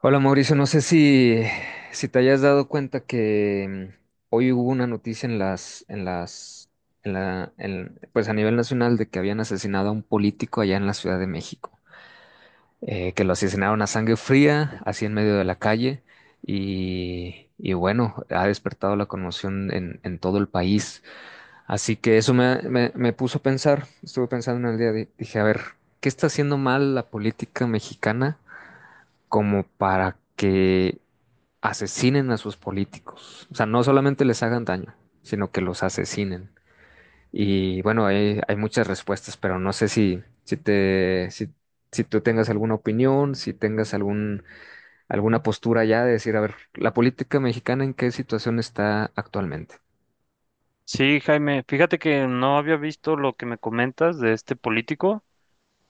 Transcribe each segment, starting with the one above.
Hola Mauricio, no sé si te hayas dado cuenta que hoy hubo una noticia en pues a nivel nacional de que habían asesinado a un político allá en la Ciudad de México. Que lo asesinaron a sangre fría, así en medio de la calle, y bueno, ha despertado la conmoción en todo el país. Así que eso me puso a pensar, estuve pensando en el día, dije, a ver, ¿qué está haciendo mal la política mexicana como para que asesinen a sus políticos? O sea, no solamente les hagan daño, sino que los asesinen. Y bueno, hay muchas respuestas, pero no sé si, si te, si, si tú tengas alguna opinión, si tengas alguna postura ya de decir, a ver, la política mexicana en qué situación está actualmente. Sí, Jaime, fíjate que no había visto lo que me comentas de este político,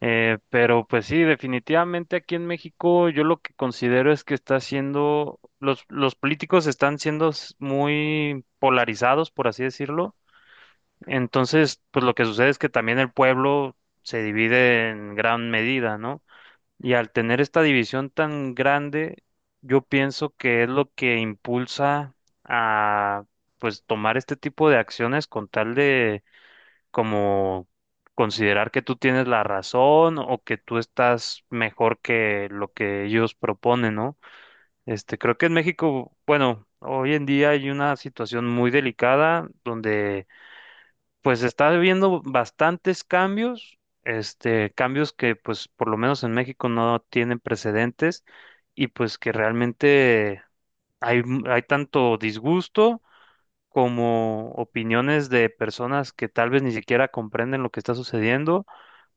pero pues sí, definitivamente aquí en México yo lo que considero es que está siendo, los políticos están siendo muy polarizados, por así decirlo. Entonces, pues lo que sucede es que también el pueblo se divide en gran medida, ¿no? Y al tener esta división tan grande, yo pienso que es lo que impulsa a, pues, tomar este tipo de acciones con tal de como considerar que tú tienes la razón o que tú estás mejor que lo que ellos proponen, ¿no? Este, creo que en México, bueno, hoy en día hay una situación muy delicada donde pues está habiendo bastantes cambios, este, cambios que pues por lo menos en México no tienen precedentes y pues que realmente hay, hay tanto disgusto como opiniones de personas que tal vez ni siquiera comprenden lo que está sucediendo,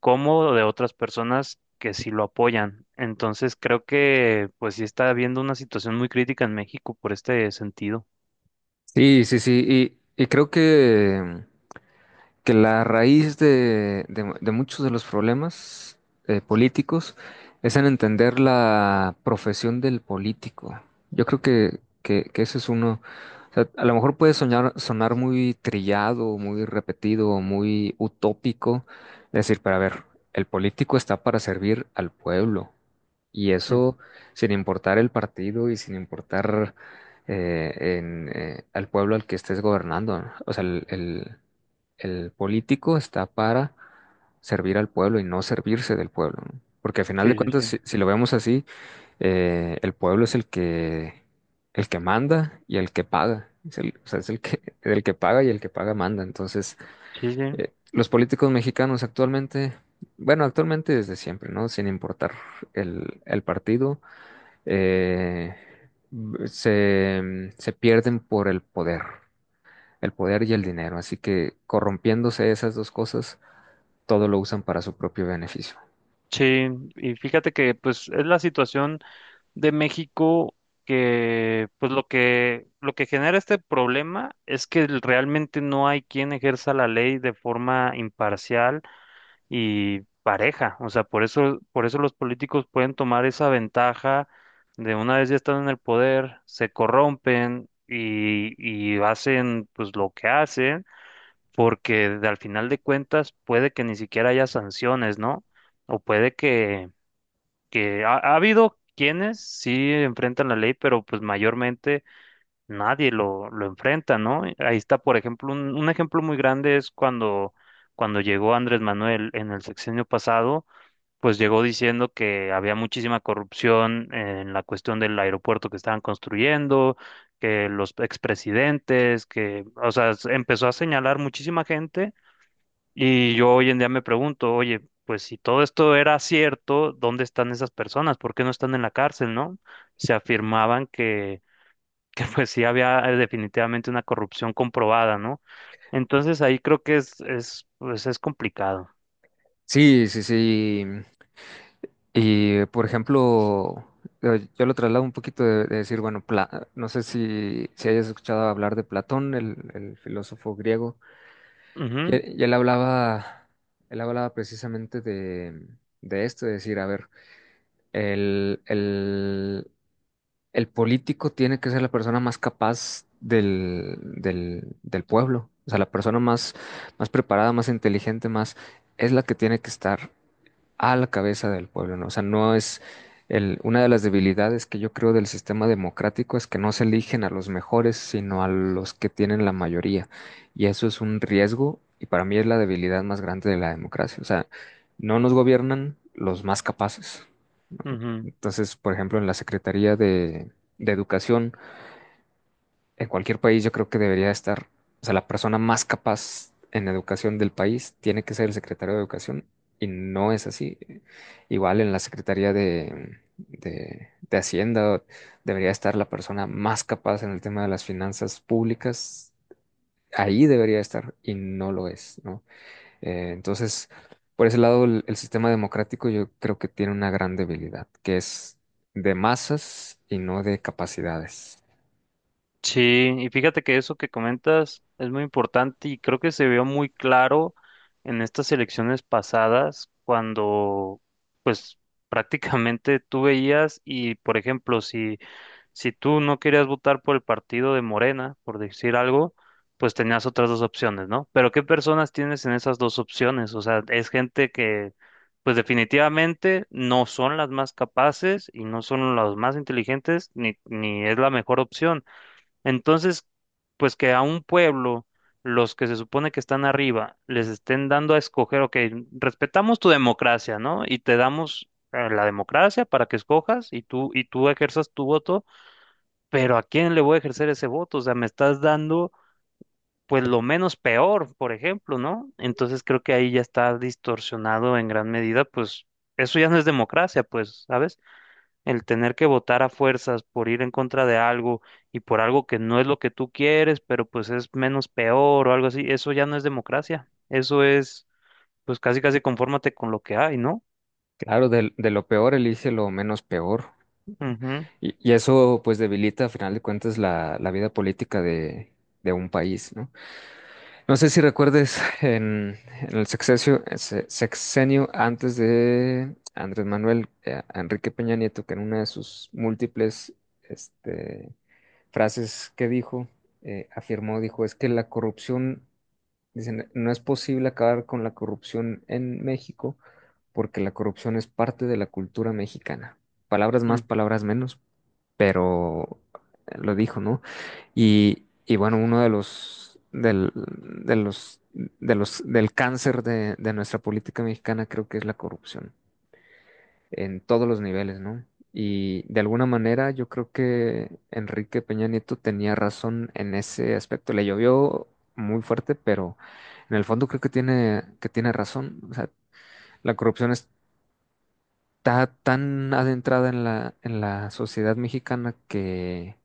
como de otras personas que sí lo apoyan. Entonces creo que pues sí está habiendo una situación muy crítica en México por este sentido. Sí, sí, sí. Y creo que la raíz de muchos de los problemas políticos es en entender la profesión del político. Yo creo que ese es uno. O sea, a lo mejor puede sonar muy trillado, muy repetido, muy utópico, decir, pero a ver, el político está para servir al pueblo y Mm, eso sin importar el partido y sin importar al pueblo al que estés gobernando, ¿no? O sea, el político está para servir al pueblo y no servirse del pueblo, ¿no? Porque al final de Sí, sí, cuentas, sí. si lo vemos así, el pueblo es el que manda y el que paga. O sea, es el que, el que paga y el que paga manda. Entonces, Sí, sí. Los políticos mexicanos actualmente, bueno, actualmente desde siempre, ¿no? Sin importar el partido, eh, se pierden por el poder y el dinero. Así que corrompiéndose esas dos cosas todo lo usan para su propio beneficio. Sí, y fíjate que pues es la situación de México que pues lo que genera este problema es que realmente no hay quien ejerza la ley de forma imparcial y pareja. O sea, por eso los políticos pueden tomar esa ventaja de una vez ya están en el poder, se corrompen y hacen pues lo que hacen, al final de cuentas puede que ni siquiera haya sanciones, ¿no? O puede que ha, ha habido quienes sí enfrentan la ley, pero pues mayormente nadie lo, lo enfrenta, ¿no? Ahí está, por ejemplo, un ejemplo muy grande es cuando llegó Andrés Manuel en el sexenio pasado pues llegó diciendo que había muchísima corrupción en la cuestión del aeropuerto que estaban construyendo, que los expresidentes, que, o sea, empezó a señalar muchísima gente y yo hoy en día me pregunto, oye, pues si todo esto era cierto, ¿dónde están esas personas? ¿Por qué no están en la cárcel, no? Se afirmaban que, que pues sí había definitivamente una corrupción comprobada, ¿no? Entonces ahí creo que pues es complicado. Sí, sí, sí. Y por ejemplo, yo lo traslado un poquito de decir, bueno, no sé si, si hayas escuchado hablar de Platón, el filósofo griego, y, Ujú, él y él hablaba precisamente de esto, de decir, a ver, el, el, el político tiene que ser la persona más capaz del pueblo. O sea, la persona más preparada, más inteligente, más, es la que tiene que estar a la cabeza del pueblo, ¿no? O sea, no es una de las debilidades que yo creo del sistema democrático es que no se eligen a los mejores, sino a los que tienen la mayoría. Y eso es un riesgo y para mí es la debilidad más grande de la democracia. O sea, no nos gobiernan los más capaces, ¿no? ujú. Entonces, por ejemplo, en la Secretaría de Educación, en cualquier país yo creo que debería estar, o sea, la persona más capaz en educación del país tiene que ser el secretario de educación, y no es así. Igual en la Secretaría de Hacienda debería estar la persona más capaz en el tema de las finanzas públicas. Ahí debería estar y no lo es, ¿no? Entonces, por ese lado, el sistema democrático yo creo que tiene una gran debilidad, que es de masas y no de capacidades. Sí, y fíjate que eso que comentas es muy importante y creo que se vio muy claro en estas elecciones pasadas cuando pues prácticamente tú veías y por ejemplo si tú no querías votar por el partido de Morena, por decir algo, pues tenías otras dos opciones, ¿no? Pero ¿qué personas tienes en esas dos opciones? O sea, es gente que pues definitivamente no son las más capaces y no son las más inteligentes ni es la mejor opción entonces, pues que a un pueblo, los que se supone que están arriba, les estén dando a escoger, ok, respetamos tu democracia, ¿no? Y te damos la democracia para que escojas y tú ejerzas tu voto, pero ¿a quién le voy a ejercer ese voto? O sea, me estás dando, pues, lo menos peor, por ejemplo, ¿no? Entonces creo que ahí ya está distorsionado en gran medida, pues, eso ya no es democracia, pues, ¿sabes? El tener que votar a fuerzas por ir en contra de algo y por algo que no es lo que tú quieres, pero pues es menos peor o algo así, eso ya no es democracia. Eso es, pues casi casi confórmate con lo que hay, ¿no? Claro, de lo peor elige lo menos peor. Ujú, Y eso pues debilita a final de cuentas la vida política de un país, ¿no? No sé si recuerdes en el sexenio, sexenio antes de Andrés Manuel, a Enrique Peña Nieto, que en una de sus múltiples este, frases que dijo, afirmó, dijo, es que la corrupción, dicen, no es posible acabar con la corrupción en México porque la corrupción es parte de la cultura mexicana. Palabras más, mm. palabras menos, pero lo dijo, ¿no? Y bueno, uno de los, del cáncer de nuestra política mexicana creo que es la corrupción, en todos los niveles, ¿no? Y de alguna manera yo creo que Enrique Peña Nieto tenía razón en ese aspecto. Le llovió muy fuerte, pero en el fondo creo que tiene razón. O sea, la corrupción es está tan adentrada en en la sociedad mexicana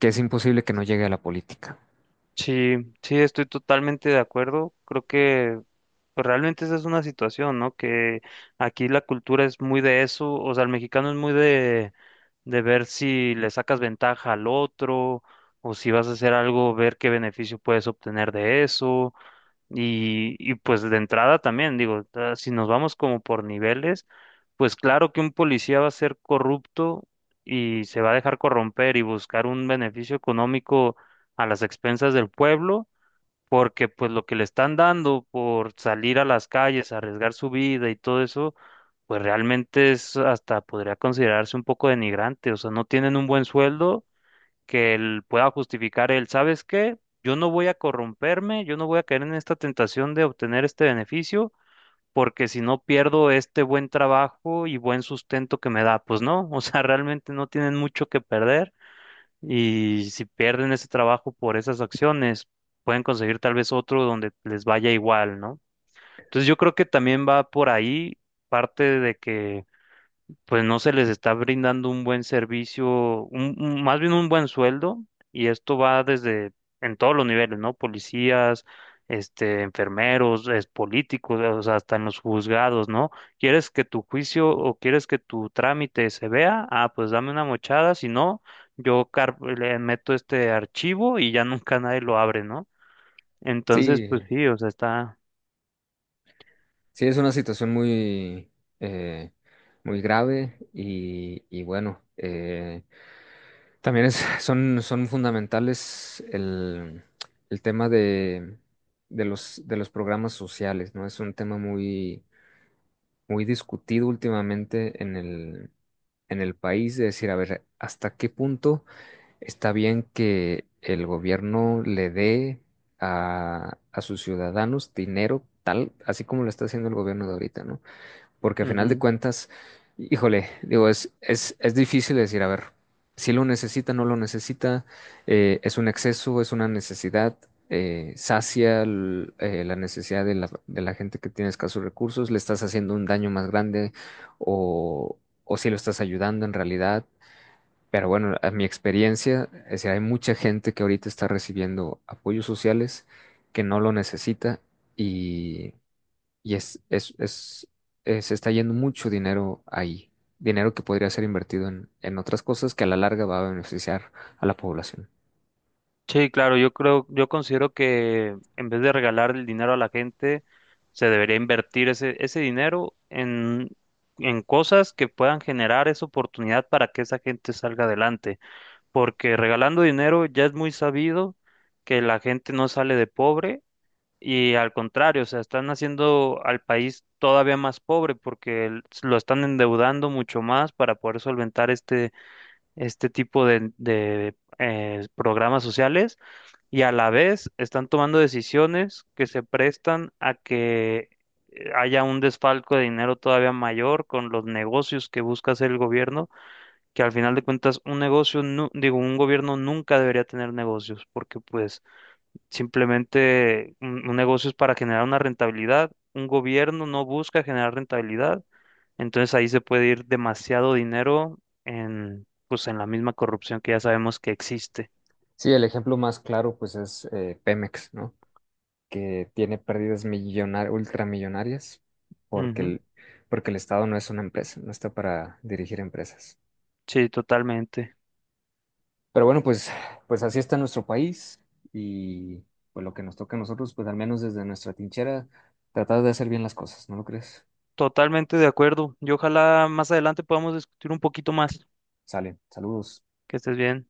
que es imposible que no llegue a la política. Sí, sí, estoy totalmente de acuerdo. Creo que pues, realmente esa es una situación, ¿no? Que aquí la cultura es muy de eso, o sea, el mexicano es muy de ver si le sacas ventaja al otro, o si vas a hacer algo, ver qué beneficio puedes obtener de eso. Y pues de entrada también, digo, si nos vamos como por niveles, pues claro que un policía va a ser corrupto y se va a dejar corromper y buscar un beneficio económico a las expensas del pueblo, porque pues lo que le están dando por salir a las calles, arriesgar su vida y todo eso, pues realmente es hasta podría considerarse un poco denigrante, o sea, no tienen un buen sueldo que él pueda justificar él, ¿sabes qué? Yo no voy a corromperme, yo no voy a caer en esta tentación de obtener este beneficio, porque si no pierdo este buen trabajo y buen sustento que me da, pues no, o sea, realmente no tienen mucho que perder y si pierden ese trabajo por esas acciones, pueden conseguir tal vez otro donde les vaya igual, ¿no? Entonces yo creo que también va por ahí parte de que pues no se les está brindando un buen servicio, más bien un buen sueldo, y esto va desde en todos los niveles, ¿no? Policías, este, enfermeros, es, políticos, o sea, hasta en los juzgados, ¿no? ¿Quieres que tu juicio o quieres que tu trámite se vea? Ah, pues dame una mochada, si no, yo le meto este archivo y ya nunca nadie lo abre, ¿no? Entonces, Sí, pues sí, o sea, está... sí, es una situación muy, eh, muy grave y bueno, son, son fundamentales el tema de, de los programas sociales, ¿no? Es un tema muy, muy discutido últimamente en en el país, de decir, a ver, ¿hasta qué punto está bien que el gobierno le dé a sus ciudadanos dinero tal, así como lo está haciendo el gobierno de ahorita, ¿no? Porque a final de cuentas, híjole, digo, es difícil decir, a ver, si lo necesita, no lo necesita, es un exceso, es una necesidad, la necesidad de de la gente que tiene escasos recursos, le estás haciendo un daño más grande o, o si lo estás ayudando en realidad. Pero bueno, a mi experiencia, es decir, hay mucha gente que ahorita está recibiendo apoyos sociales que no lo necesita y, y se está yendo mucho dinero ahí, dinero que podría ser invertido en otras cosas que a la larga va a beneficiar a la población. Sí, claro, yo creo, yo considero que en vez de regalar el dinero a la gente, se debería invertir ese dinero en cosas que puedan generar esa oportunidad para que esa gente salga adelante. Porque regalando dinero ya es muy sabido que la gente no sale de pobre y al contrario, o sea, están haciendo al país todavía más pobre porque lo están endeudando mucho más para poder solventar este tipo de, programas sociales y a la vez están tomando decisiones que se prestan a que haya un desfalco de dinero todavía mayor con los negocios que busca hacer el gobierno, que al final de cuentas un negocio, digo, un gobierno nunca debería tener negocios, porque pues simplemente un negocio es para generar una rentabilidad, un gobierno no busca generar rentabilidad entonces ahí se puede ir demasiado dinero en, pues, en la misma corrupción que ya sabemos que existe. Sí, el ejemplo más claro pues es Pemex, ¿no? Que tiene pérdidas ultramillonarias porque Ujú. Porque el Estado no es una empresa, no está para dirigir empresas. Sí, totalmente. Pero bueno, pues así está nuestro país y pues lo que nos toca a nosotros, pues al menos desde nuestra tinchera, tratar de hacer bien las cosas, ¿no lo crees? Totalmente de acuerdo. Y ojalá más adelante podamos discutir un poquito más. Sale, saludos. Que estés bien.